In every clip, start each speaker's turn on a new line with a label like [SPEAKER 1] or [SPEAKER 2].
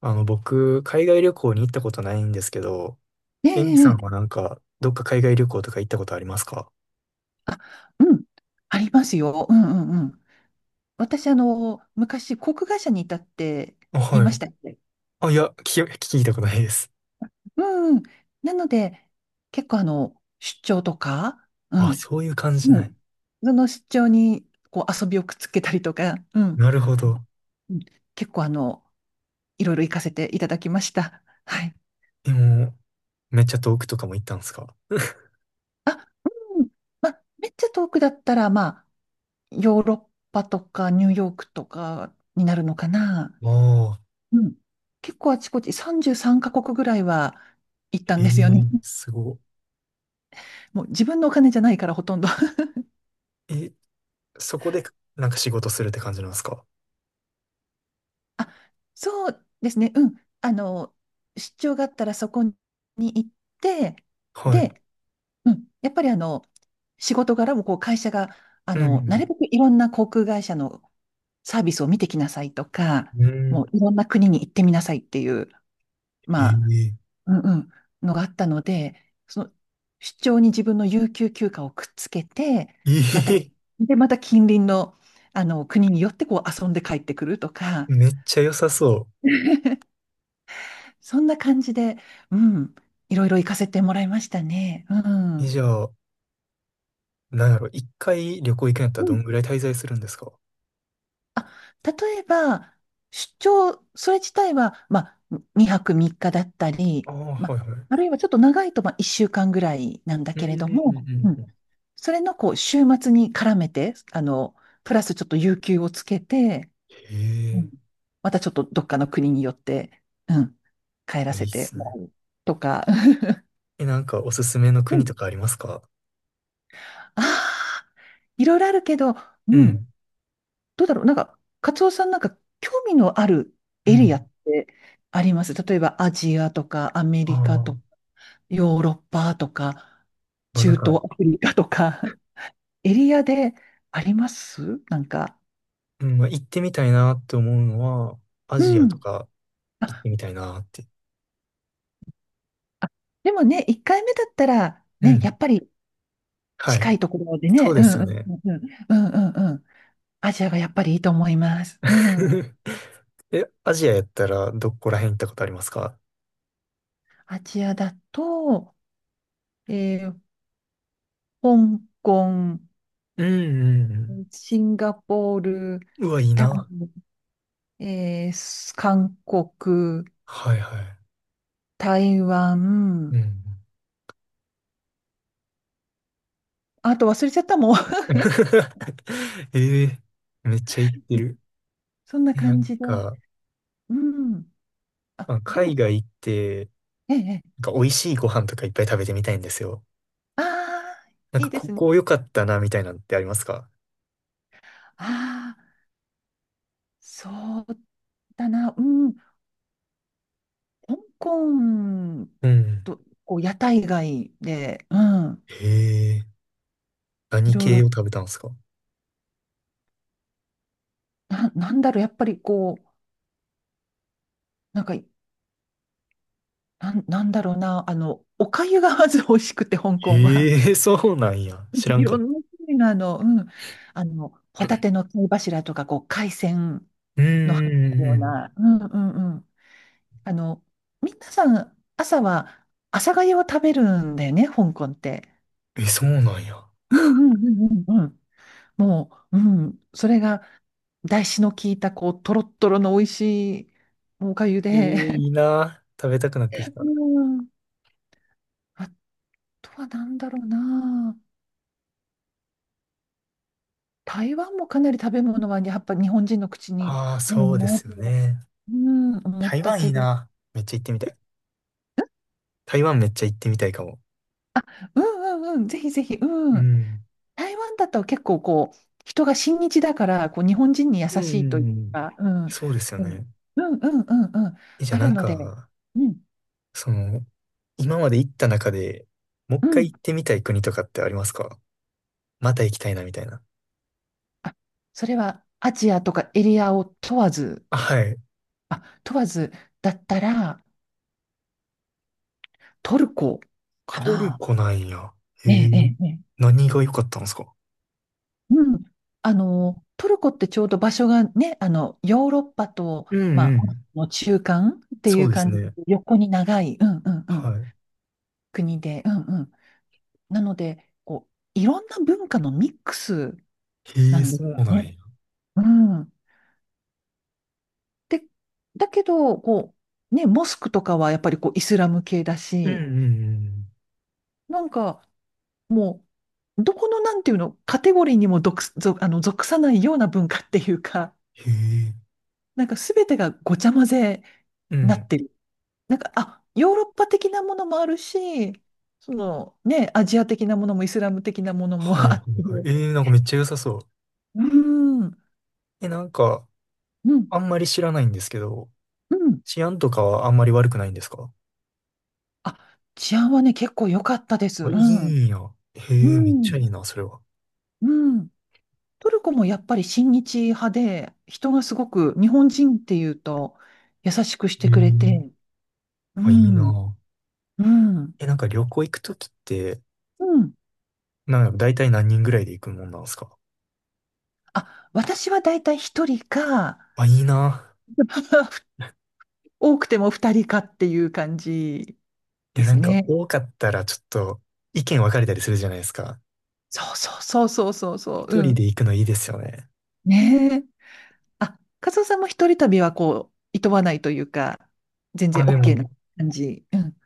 [SPEAKER 1] 僕、海外旅行に行ったことないんですけど、
[SPEAKER 2] え
[SPEAKER 1] エミさ
[SPEAKER 2] え
[SPEAKER 1] んは
[SPEAKER 2] ええ、
[SPEAKER 1] なんか、どっか海外旅行とか行ったことありますか？
[SPEAKER 2] あ、うん、ありますよ。うんうんうん。私、昔、航空会社にいたって
[SPEAKER 1] あ、
[SPEAKER 2] 言い
[SPEAKER 1] はい。
[SPEAKER 2] ましたっけ？
[SPEAKER 1] あ、いや、聞いたことないです。
[SPEAKER 2] うんうん。なので、結構、出張とか、う
[SPEAKER 1] あ、
[SPEAKER 2] ん、
[SPEAKER 1] そういう感じ。
[SPEAKER 2] う
[SPEAKER 1] な
[SPEAKER 2] ん。
[SPEAKER 1] い。
[SPEAKER 2] その出張に、こう、遊びをくっつけたりとか、うん。
[SPEAKER 1] なるほ
[SPEAKER 2] はい。
[SPEAKER 1] ど。
[SPEAKER 2] うん。結構、いろいろ行かせていただきました。はい。
[SPEAKER 1] でも、めっちゃ遠くとかも行ったんですか？
[SPEAKER 2] あ、うん。まあ、めっちゃ遠くだったら、まあ、ヨーロッパとか、ニューヨークとかになるのかな。
[SPEAKER 1] ああ、
[SPEAKER 2] うん。結構あちこち33カ国ぐらいは行ったん
[SPEAKER 1] え
[SPEAKER 2] ですよね。
[SPEAKER 1] え、すご
[SPEAKER 2] もう自分のお金じゃないからほとんど
[SPEAKER 1] い。え、そこで、なんか仕事するって感じなんですか？
[SPEAKER 2] あ、そうですね。うん。あの、出張があったらそこに行って、
[SPEAKER 1] はい。
[SPEAKER 2] で、うん。やっぱり仕事柄もこう会社が、
[SPEAKER 1] う
[SPEAKER 2] なる
[SPEAKER 1] ん。
[SPEAKER 2] べくいろんな航空会社のサービスを見てきなさいとか、
[SPEAKER 1] うん。う
[SPEAKER 2] も
[SPEAKER 1] ん。
[SPEAKER 2] ういろんな国に行ってみなさいっていう、
[SPEAKER 1] え
[SPEAKER 2] まあ、
[SPEAKER 1] え、
[SPEAKER 2] うんうん、のがあったので、その出張に自分の有給休暇をくっつけて、
[SPEAKER 1] え
[SPEAKER 2] また、
[SPEAKER 1] え、
[SPEAKER 2] で、また近隣の、国によってこう遊んで帰ってくるとか、
[SPEAKER 1] めっちゃ良さそ
[SPEAKER 2] そんな感じで、うん、いろいろ行かせてもらいましたね。う
[SPEAKER 1] う。え、
[SPEAKER 2] ん。
[SPEAKER 1] じゃあ、なんやろ、一回旅行行くんやったら
[SPEAKER 2] う
[SPEAKER 1] ど
[SPEAKER 2] ん。
[SPEAKER 1] んぐらい滞在するんですか？
[SPEAKER 2] あ、例えば、出張、それ自体は、まあ、2泊3日だったり、
[SPEAKER 1] ああ、
[SPEAKER 2] ま
[SPEAKER 1] はい
[SPEAKER 2] あ、
[SPEAKER 1] はい。
[SPEAKER 2] あるいはちょっと長いと、まあ、1週間ぐらいなんだ
[SPEAKER 1] うん
[SPEAKER 2] け
[SPEAKER 1] うん
[SPEAKER 2] れ
[SPEAKER 1] う
[SPEAKER 2] ども、う
[SPEAKER 1] んう
[SPEAKER 2] ん。
[SPEAKER 1] ん。
[SPEAKER 2] それのこう週末に絡めて、プラスちょっと有給をつけて、
[SPEAKER 1] へ
[SPEAKER 2] うん。
[SPEAKER 1] え。
[SPEAKER 2] またちょっとどっかの国によって、うん、帰ら
[SPEAKER 1] あ、いい
[SPEAKER 2] せ
[SPEAKER 1] っ
[SPEAKER 2] て
[SPEAKER 1] す
[SPEAKER 2] も
[SPEAKER 1] ね。
[SPEAKER 2] らうとか、
[SPEAKER 1] え、なんかおすすめの
[SPEAKER 2] う
[SPEAKER 1] 国
[SPEAKER 2] ん。
[SPEAKER 1] とかありますか？
[SPEAKER 2] ああ、いろいろあるけど、
[SPEAKER 1] う
[SPEAKER 2] うん、
[SPEAKER 1] ん、
[SPEAKER 2] どうだろう、なんか、カツオさんなんか興味のある
[SPEAKER 1] う
[SPEAKER 2] エリアっ
[SPEAKER 1] ん。
[SPEAKER 2] てあります例えばアジアとかアメ
[SPEAKER 1] あ
[SPEAKER 2] リカとか
[SPEAKER 1] あ、
[SPEAKER 2] ヨーロッパとか
[SPEAKER 1] まあなん
[SPEAKER 2] 中
[SPEAKER 1] か、
[SPEAKER 2] 東アフリカとか、エリアでありますなんか？
[SPEAKER 1] うん、まあ行ってみたいなって思うのは、ア
[SPEAKER 2] う
[SPEAKER 1] ジア
[SPEAKER 2] ん。
[SPEAKER 1] とか行っ
[SPEAKER 2] あ
[SPEAKER 1] てみたいなって。
[SPEAKER 2] あ、でもね、1回目だったら、
[SPEAKER 1] う
[SPEAKER 2] ね、や
[SPEAKER 1] ん。
[SPEAKER 2] っぱり
[SPEAKER 1] はい。
[SPEAKER 2] 近いところで
[SPEAKER 1] そ
[SPEAKER 2] ね、
[SPEAKER 1] う
[SPEAKER 2] う
[SPEAKER 1] で
[SPEAKER 2] ん
[SPEAKER 1] すよ
[SPEAKER 2] うん
[SPEAKER 1] ね。
[SPEAKER 2] うんうん、うんうんうん、アジアがやっぱりいいと思います。うん。
[SPEAKER 1] え、アジアやったらどこら辺行ったことありますか？
[SPEAKER 2] アジアだと、えー香港、
[SPEAKER 1] うんうんう
[SPEAKER 2] シンガポール、
[SPEAKER 1] ん。うわ、いい
[SPEAKER 2] タイ、
[SPEAKER 1] な。
[SPEAKER 2] えーす韓国、
[SPEAKER 1] はいはい。
[SPEAKER 2] 台
[SPEAKER 1] うん
[SPEAKER 2] 湾、
[SPEAKER 1] うん。
[SPEAKER 2] あと忘れちゃったもん。
[SPEAKER 1] ええ、めっちゃ行って る。
[SPEAKER 2] そんな
[SPEAKER 1] え、な
[SPEAKER 2] 感
[SPEAKER 1] ん
[SPEAKER 2] じで。
[SPEAKER 1] か、
[SPEAKER 2] うん。
[SPEAKER 1] ま
[SPEAKER 2] あ、
[SPEAKER 1] あ、
[SPEAKER 2] でも、
[SPEAKER 1] 海外行って、
[SPEAKER 2] ええ、え
[SPEAKER 1] な
[SPEAKER 2] え、
[SPEAKER 1] んか美味しいご飯とかいっぱい食べてみたいんですよ。
[SPEAKER 2] ああ、
[SPEAKER 1] なん
[SPEAKER 2] い
[SPEAKER 1] か
[SPEAKER 2] いで
[SPEAKER 1] こ
[SPEAKER 2] すね。
[SPEAKER 1] こ良かったな、みたいなのってありますか？
[SPEAKER 2] ああ、そうだな。うん。香港
[SPEAKER 1] うん。
[SPEAKER 2] と、こう、屋台街で、うん、
[SPEAKER 1] へえ、
[SPEAKER 2] い
[SPEAKER 1] 何
[SPEAKER 2] ろい
[SPEAKER 1] 系
[SPEAKER 2] ろ、
[SPEAKER 1] を食べたんですか？
[SPEAKER 2] なんだろう、やっぱりこう、なんか、なんだろうな、お粥がまず美味しくて、香港は。
[SPEAKER 1] へえ、そうなんや。知 ら
[SPEAKER 2] い
[SPEAKER 1] んか
[SPEAKER 2] ろ
[SPEAKER 1] っ
[SPEAKER 2] ん
[SPEAKER 1] た。
[SPEAKER 2] な種類の、うん、ホタテの貝柱とか、こう、海鮮
[SPEAKER 1] うん
[SPEAKER 2] の入った
[SPEAKER 1] う
[SPEAKER 2] よう
[SPEAKER 1] んう
[SPEAKER 2] な、うんうんうん。あの、皆さん、朝は、朝粥を食べるんだよね、香港って。
[SPEAKER 1] ん。え、そうなんや。
[SPEAKER 2] うんうんうんうんうん。もう、うん、それが、だしの効いた、こう、とろっとろの美味しいおかゆ
[SPEAKER 1] えー、
[SPEAKER 2] で、
[SPEAKER 1] いいな。食べたくなってき た。
[SPEAKER 2] うん。あとは何だろうな。台湾もかなり食べ物は、やっぱ日本人の口に
[SPEAKER 1] ああ、
[SPEAKER 2] う、
[SPEAKER 1] そうですよね。
[SPEAKER 2] うん、思っ
[SPEAKER 1] 台
[SPEAKER 2] た
[SPEAKER 1] 湾い
[SPEAKER 2] け
[SPEAKER 1] い
[SPEAKER 2] ど、
[SPEAKER 1] な。めっちゃ行ってみたい。台湾めっちゃ行ってみたいかも。
[SPEAKER 2] うんうんうん、ぜひぜひ、
[SPEAKER 1] う
[SPEAKER 2] うん。
[SPEAKER 1] ん。
[SPEAKER 2] 台湾だと結構こう、人が親日だから、こう、日本人に優
[SPEAKER 1] うんう
[SPEAKER 2] しいという
[SPEAKER 1] んうん。
[SPEAKER 2] か、うん。
[SPEAKER 1] そうですよ
[SPEAKER 2] うん
[SPEAKER 1] ね。
[SPEAKER 2] うんうんうんうん。
[SPEAKER 1] え、じゃあ
[SPEAKER 2] あ
[SPEAKER 1] な
[SPEAKER 2] る
[SPEAKER 1] ん
[SPEAKER 2] ので、
[SPEAKER 1] か、
[SPEAKER 2] うん。
[SPEAKER 1] その、今まで行った中で、もう
[SPEAKER 2] う
[SPEAKER 1] 一回
[SPEAKER 2] ん。
[SPEAKER 1] 行ってみたい国とかってありますか？また行きたいなみたいな。
[SPEAKER 2] あ、それはアジアとかエリアを問わず、
[SPEAKER 1] あ、はい。
[SPEAKER 2] あ、問わずだったらトルコか
[SPEAKER 1] トル
[SPEAKER 2] な。
[SPEAKER 1] コなんや。へ
[SPEAKER 2] え
[SPEAKER 1] え。
[SPEAKER 2] え、ええ、ええ、
[SPEAKER 1] 何が良かったんですか？
[SPEAKER 2] うん。トルコってちょうど場所がね、ヨーロッパと、
[SPEAKER 1] うん
[SPEAKER 2] ま
[SPEAKER 1] う
[SPEAKER 2] あ、
[SPEAKER 1] ん。
[SPEAKER 2] の中間ってい
[SPEAKER 1] そ
[SPEAKER 2] う
[SPEAKER 1] うです
[SPEAKER 2] 感じ
[SPEAKER 1] ね。
[SPEAKER 2] で、横に長い、うんうんうん、
[SPEAKER 1] は
[SPEAKER 2] 国で、うんうん。なので、こう、いろんな文化のミックス
[SPEAKER 1] い。へ
[SPEAKER 2] な
[SPEAKER 1] え、
[SPEAKER 2] んで
[SPEAKER 1] そ
[SPEAKER 2] す
[SPEAKER 1] う
[SPEAKER 2] よ
[SPEAKER 1] なん
[SPEAKER 2] ね。
[SPEAKER 1] や。
[SPEAKER 2] うん。で、だけど、こう、ね、モスクとかはやっぱりこうイスラム系だ
[SPEAKER 1] うんうんう
[SPEAKER 2] し、
[SPEAKER 1] ん。
[SPEAKER 2] なんか、もう、どこのなんていうの、カテゴリーにも属す、属あの、属さないような文化っていうか、
[SPEAKER 1] へえ。
[SPEAKER 2] なんかすべてがごちゃ混ぜ
[SPEAKER 1] う
[SPEAKER 2] になっ
[SPEAKER 1] ん。
[SPEAKER 2] てる。なんか、あ、ヨーロッパ的なものもあるし、そのね、アジア的なものもイスラム的なものも
[SPEAKER 1] はいは
[SPEAKER 2] あ
[SPEAKER 1] い
[SPEAKER 2] っ
[SPEAKER 1] はい。
[SPEAKER 2] て、
[SPEAKER 1] えー、なんかめっちゃ良さそう。
[SPEAKER 2] うん、うん、
[SPEAKER 1] え、なんか、あんまり知らないんですけど、
[SPEAKER 2] うん。
[SPEAKER 1] 治安とかはあんまり悪くないんですか？
[SPEAKER 2] あ、治安はね、結構良かったです。う
[SPEAKER 1] あ、いい
[SPEAKER 2] ん、
[SPEAKER 1] んや。へえ、
[SPEAKER 2] う
[SPEAKER 1] めっちゃい
[SPEAKER 2] ん、
[SPEAKER 1] いな、それは。
[SPEAKER 2] うん。トルコもやっぱり親日派で、人がすごく日本人っていうと優しくし
[SPEAKER 1] へ
[SPEAKER 2] て
[SPEAKER 1] え。
[SPEAKER 2] くれて、う
[SPEAKER 1] あ、いい
[SPEAKER 2] ん。
[SPEAKER 1] な。
[SPEAKER 2] うん。
[SPEAKER 1] え、なんか旅行行くときって、
[SPEAKER 2] うん。
[SPEAKER 1] なんか大体何人ぐらいで行くもんなんですか？
[SPEAKER 2] あ、私はだいたい一人か、
[SPEAKER 1] あ、いいな。
[SPEAKER 2] 多くても二人かっていう感じ
[SPEAKER 1] い
[SPEAKER 2] で
[SPEAKER 1] や、な
[SPEAKER 2] す
[SPEAKER 1] んか
[SPEAKER 2] ね。
[SPEAKER 1] 多かったらちょっと意見分かれたりするじゃないですか。
[SPEAKER 2] そうそうそうそうそうそう。
[SPEAKER 1] 一
[SPEAKER 2] う
[SPEAKER 1] 人で
[SPEAKER 2] ん。
[SPEAKER 1] 行くのいいですよね。
[SPEAKER 2] ねえ。あ、カズオさんも一人旅はこう、いとわないというか、全然
[SPEAKER 1] あ、で
[SPEAKER 2] OK
[SPEAKER 1] も、
[SPEAKER 2] な感じ。うん。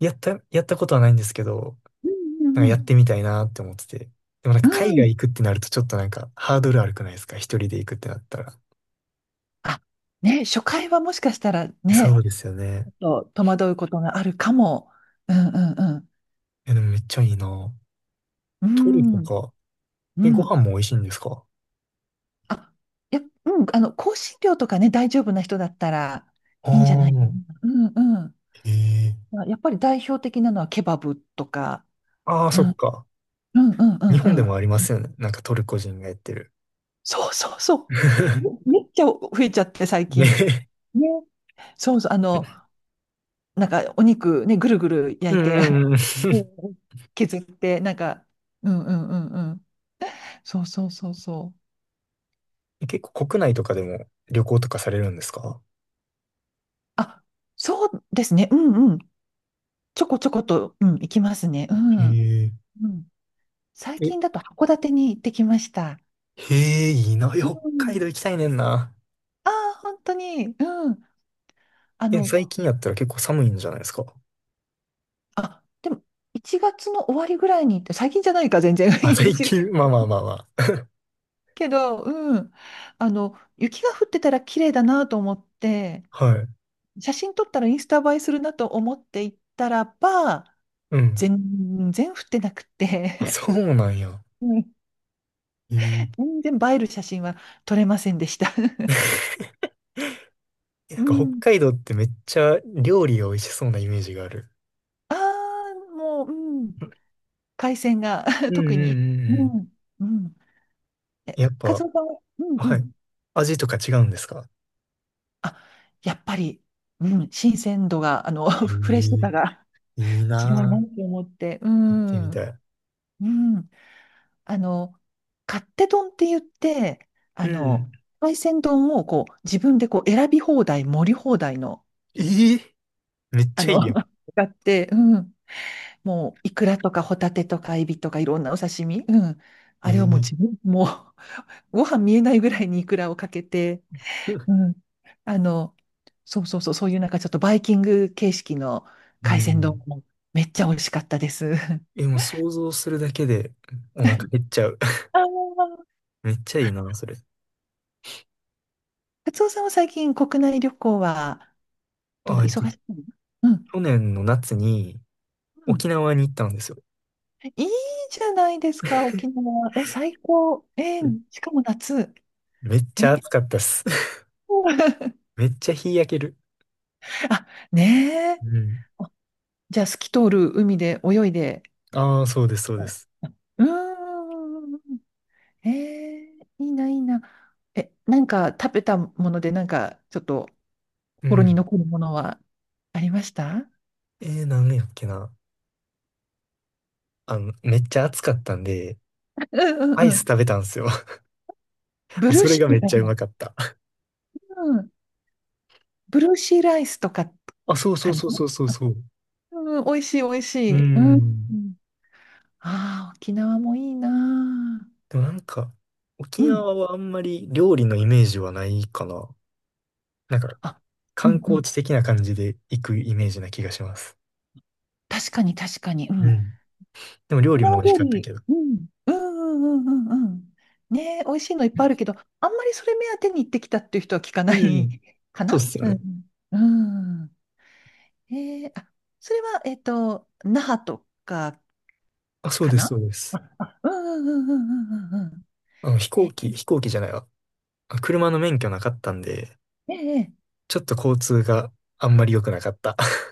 [SPEAKER 1] やったことはないんですけど、
[SPEAKER 2] う
[SPEAKER 1] な
[SPEAKER 2] ん
[SPEAKER 1] んか
[SPEAKER 2] う
[SPEAKER 1] やっ
[SPEAKER 2] ん
[SPEAKER 1] てみたいなって思ってて。でもなん
[SPEAKER 2] う
[SPEAKER 1] か海
[SPEAKER 2] ん。う
[SPEAKER 1] 外
[SPEAKER 2] ん。
[SPEAKER 1] 行くってなるとちょっとなんかハードル悪くないですか、一人で行くってなったら。
[SPEAKER 2] あ、ね、初回はもしかしたら
[SPEAKER 1] そ
[SPEAKER 2] ね、
[SPEAKER 1] うですよ
[SPEAKER 2] ち
[SPEAKER 1] ね。
[SPEAKER 2] ょっと戸惑うことがあるかも。うんうん
[SPEAKER 1] え、でもめっちゃいいな。
[SPEAKER 2] う
[SPEAKER 1] トル
[SPEAKER 2] ん。
[SPEAKER 1] コ
[SPEAKER 2] うん。
[SPEAKER 1] か。
[SPEAKER 2] う
[SPEAKER 1] え、ご
[SPEAKER 2] ん。
[SPEAKER 1] 飯も美味しいんですか？
[SPEAKER 2] あ、いや、うん、香辛料とかね、大丈夫な人だったら
[SPEAKER 1] あ
[SPEAKER 2] いいんじゃないか
[SPEAKER 1] あ
[SPEAKER 2] な。うんうん。
[SPEAKER 1] ー、へえ。
[SPEAKER 2] まあやっぱり代表的なのはケバブとか、
[SPEAKER 1] ああ、
[SPEAKER 2] う
[SPEAKER 1] そっ
[SPEAKER 2] ん、
[SPEAKER 1] か。
[SPEAKER 2] うんうんう
[SPEAKER 1] 日
[SPEAKER 2] ん
[SPEAKER 1] 本
[SPEAKER 2] う
[SPEAKER 1] でも
[SPEAKER 2] ん。
[SPEAKER 1] ありますよね。なんかトルコ人がやってる。
[SPEAKER 2] そうそうそう。めっちゃ増えちゃって最近。
[SPEAKER 1] ね。
[SPEAKER 2] ね。そうそう。なんかお肉ね、ぐるぐる
[SPEAKER 1] う
[SPEAKER 2] 焼いて、
[SPEAKER 1] んうんうん。
[SPEAKER 2] うん、削って、なんか、うんうんうんうん。そうそうそうそう。
[SPEAKER 1] 結構国内とかでも旅行とかされるんですか？
[SPEAKER 2] あ、そうですね。うんうん。ちょこちょこと、うん、いきますね。う
[SPEAKER 1] へ
[SPEAKER 2] ん。
[SPEAKER 1] え。
[SPEAKER 2] うん。最
[SPEAKER 1] え、
[SPEAKER 2] 近だと函館に行ってきました。
[SPEAKER 1] へえ、いいな。
[SPEAKER 2] う
[SPEAKER 1] 北海
[SPEAKER 2] ん。
[SPEAKER 1] 道行きたいねんな。
[SPEAKER 2] ああ、本当に。うん。あ
[SPEAKER 1] え、
[SPEAKER 2] の、
[SPEAKER 1] 最近やったら結構寒いんじゃないですか？
[SPEAKER 2] あ、でも、1月の終わりぐらいに行って、最近じゃないか、全然。
[SPEAKER 1] あ、
[SPEAKER 2] い
[SPEAKER 1] 最
[SPEAKER 2] ち
[SPEAKER 1] 近、まあまあまあま
[SPEAKER 2] けど、うん。雪が降ってたら綺麗だなと思って、
[SPEAKER 1] あ。はい。
[SPEAKER 2] 写真撮ったらインスタ映えするなと思って行ったらば、
[SPEAKER 1] うん。
[SPEAKER 2] 全然降ってなく
[SPEAKER 1] あ、
[SPEAKER 2] て、
[SPEAKER 1] そうなんや。
[SPEAKER 2] うん。
[SPEAKER 1] へえ。
[SPEAKER 2] 全然映える写真は撮れませんでした。
[SPEAKER 1] え、なん
[SPEAKER 2] う
[SPEAKER 1] か北
[SPEAKER 2] ん。
[SPEAKER 1] 海道ってめっちゃ料理が美味しそうなイメージがある。
[SPEAKER 2] ああ、もう、うん。海鮮が
[SPEAKER 1] う ん
[SPEAKER 2] 特
[SPEAKER 1] うんう
[SPEAKER 2] に。
[SPEAKER 1] んう
[SPEAKER 2] う
[SPEAKER 1] ん。
[SPEAKER 2] ん、うん。え、
[SPEAKER 1] やっ
[SPEAKER 2] カ
[SPEAKER 1] ぱ、
[SPEAKER 2] ツオさんは、うんう
[SPEAKER 1] はい。
[SPEAKER 2] ん。
[SPEAKER 1] 味とか違うんですか？
[SPEAKER 2] あ、やっぱり、うん、新鮮度が、
[SPEAKER 1] へえ、
[SPEAKER 2] フレッシュさ
[SPEAKER 1] い
[SPEAKER 2] が
[SPEAKER 1] い
[SPEAKER 2] 違うなっ
[SPEAKER 1] な
[SPEAKER 2] て思って、う
[SPEAKER 1] ぁ。行ってみ
[SPEAKER 2] ん、
[SPEAKER 1] たい。
[SPEAKER 2] うん。あの、勝手丼って言って、あ
[SPEAKER 1] う
[SPEAKER 2] の、
[SPEAKER 1] ん。
[SPEAKER 2] 海鮮丼をこう、自分でこう、選び放題、盛り放題の、
[SPEAKER 1] えー、めっ
[SPEAKER 2] あ
[SPEAKER 1] ちゃい
[SPEAKER 2] の、
[SPEAKER 1] いやん。
[SPEAKER 2] があって、うん。もう、イクラとかホタテとかエビとかいろんなお刺身、うん。
[SPEAKER 1] え
[SPEAKER 2] あれをもう
[SPEAKER 1] ー、
[SPEAKER 2] 自分、もう、ご飯見えないぐらいにイクラをかけて、うん。あの、そうそうそう、そういうなんかちょっとバイキング形式の
[SPEAKER 1] う
[SPEAKER 2] 海鮮丼
[SPEAKER 1] ん。
[SPEAKER 2] もめっちゃ美味しかったです。
[SPEAKER 1] え、も う想像するだけでお腹減っちゃう。
[SPEAKER 2] あー、
[SPEAKER 1] めっちゃいいな、それ。
[SPEAKER 2] カツオさんは最近国内旅行はどんな、
[SPEAKER 1] あ、えっと、
[SPEAKER 2] 忙しいの？うん。
[SPEAKER 1] 去年の夏に
[SPEAKER 2] うん。
[SPEAKER 1] 沖縄に行ったんですよ。
[SPEAKER 2] いいじゃないですか、沖縄。え、最高。えー、
[SPEAKER 1] え、
[SPEAKER 2] しかも夏。
[SPEAKER 1] めっ
[SPEAKER 2] え
[SPEAKER 1] ちゃ
[SPEAKER 2] ー
[SPEAKER 1] 暑かったっす。めっちゃ日焼ける。
[SPEAKER 2] あ、ねえ。
[SPEAKER 1] うん。
[SPEAKER 2] じゃあ、透き通る海で泳いで。
[SPEAKER 1] ああ、そうです、そう
[SPEAKER 2] う
[SPEAKER 1] です。
[SPEAKER 2] ん。うーん、えー、いいな、いいな。え、なんか食べたもので、なんかちょっと
[SPEAKER 1] う
[SPEAKER 2] 心に
[SPEAKER 1] ん。
[SPEAKER 2] 残るものはありました？
[SPEAKER 1] えー、なんやっけな。あの、めっちゃ暑かったんで、
[SPEAKER 2] うんうん
[SPEAKER 1] アイ
[SPEAKER 2] う
[SPEAKER 1] ス
[SPEAKER 2] ん。
[SPEAKER 1] 食べたんですよ。も
[SPEAKER 2] ブ
[SPEAKER 1] う
[SPEAKER 2] ルー
[SPEAKER 1] それ
[SPEAKER 2] シ
[SPEAKER 1] が
[SPEAKER 2] ー
[SPEAKER 1] め
[SPEAKER 2] ル
[SPEAKER 1] っ
[SPEAKER 2] か
[SPEAKER 1] ちゃう
[SPEAKER 2] な？
[SPEAKER 1] まかった。
[SPEAKER 2] うん。ブルーシーライスとか
[SPEAKER 1] あ、そうそ
[SPEAKER 2] か
[SPEAKER 1] う
[SPEAKER 2] な？
[SPEAKER 1] そうそうそうそう。
[SPEAKER 2] うん、美味しい美味し
[SPEAKER 1] う
[SPEAKER 2] い。うん。う
[SPEAKER 1] ん。
[SPEAKER 2] ん。あー、沖縄もいいな
[SPEAKER 1] でもなんか、
[SPEAKER 2] ー、
[SPEAKER 1] 沖
[SPEAKER 2] うん。
[SPEAKER 1] 縄はあんまり料理のイメージはないかな。なんか、
[SPEAKER 2] あ、う
[SPEAKER 1] 観
[SPEAKER 2] んう
[SPEAKER 1] 光
[SPEAKER 2] ん。
[SPEAKER 1] 地的な感じで行くイメージな気がします。
[SPEAKER 2] 確かに確かに。う
[SPEAKER 1] う
[SPEAKER 2] ん。
[SPEAKER 1] ん。でも料
[SPEAKER 2] 沖
[SPEAKER 1] 理も
[SPEAKER 2] 縄
[SPEAKER 1] 美味し
[SPEAKER 2] 料
[SPEAKER 1] かったけ
[SPEAKER 2] 理。
[SPEAKER 1] ど。
[SPEAKER 2] うん。うんうんうんうんうん。ねえ、美味しいのいっぱいあるけど、あんまりそれ目当てに行ってきたっていう人は聞かな
[SPEAKER 1] うん。
[SPEAKER 2] いか
[SPEAKER 1] そうっ
[SPEAKER 2] な、
[SPEAKER 1] すよ
[SPEAKER 2] う
[SPEAKER 1] ね。
[SPEAKER 2] ん。うん。えー、あ、それは、那覇とか
[SPEAKER 1] あ、そう
[SPEAKER 2] か
[SPEAKER 1] です、そ
[SPEAKER 2] な？
[SPEAKER 1] うです。
[SPEAKER 2] あ うんうんうんうんうんうんうん。
[SPEAKER 1] あの、
[SPEAKER 2] ね、
[SPEAKER 1] 飛行機じゃないわ。あ、車の免許なかったんで、
[SPEAKER 2] ええ、ええ、
[SPEAKER 1] ちょっと交通があんまり良くなかった。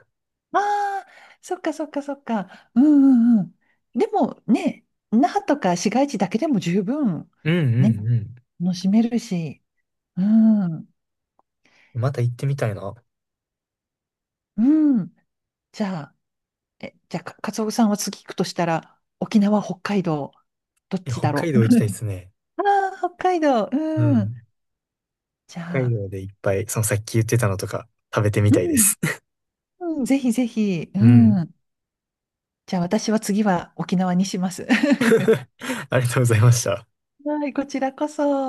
[SPEAKER 2] ああー、そっかそっかそっか。うんうんうん。でもね、那覇とか市街地だけでも十分、
[SPEAKER 1] うんう
[SPEAKER 2] ね、
[SPEAKER 1] んう
[SPEAKER 2] 楽しめるし。うん、
[SPEAKER 1] ん。また行ってみたいな。
[SPEAKER 2] うん。じゃあ、カツオさんは次行くとしたら、沖縄、北海道、どっ
[SPEAKER 1] いや、
[SPEAKER 2] ち
[SPEAKER 1] 北
[SPEAKER 2] だろ
[SPEAKER 1] 海
[SPEAKER 2] う。
[SPEAKER 1] 道行きたいで すね。
[SPEAKER 2] ああ、北海道、
[SPEAKER 1] う
[SPEAKER 2] うん。
[SPEAKER 1] ん。
[SPEAKER 2] じ
[SPEAKER 1] 北
[SPEAKER 2] ゃ
[SPEAKER 1] 海
[SPEAKER 2] あ、
[SPEAKER 1] 道でいっぱい、そのさっき言ってたのとか食べてみ
[SPEAKER 2] う
[SPEAKER 1] たいで
[SPEAKER 2] ん、
[SPEAKER 1] す。
[SPEAKER 2] うん、ぜひぜひ、う
[SPEAKER 1] うん。
[SPEAKER 2] ん。じゃあ私は次は沖縄にします。
[SPEAKER 1] ありがとうございました。
[SPEAKER 2] はい、こちらこそ。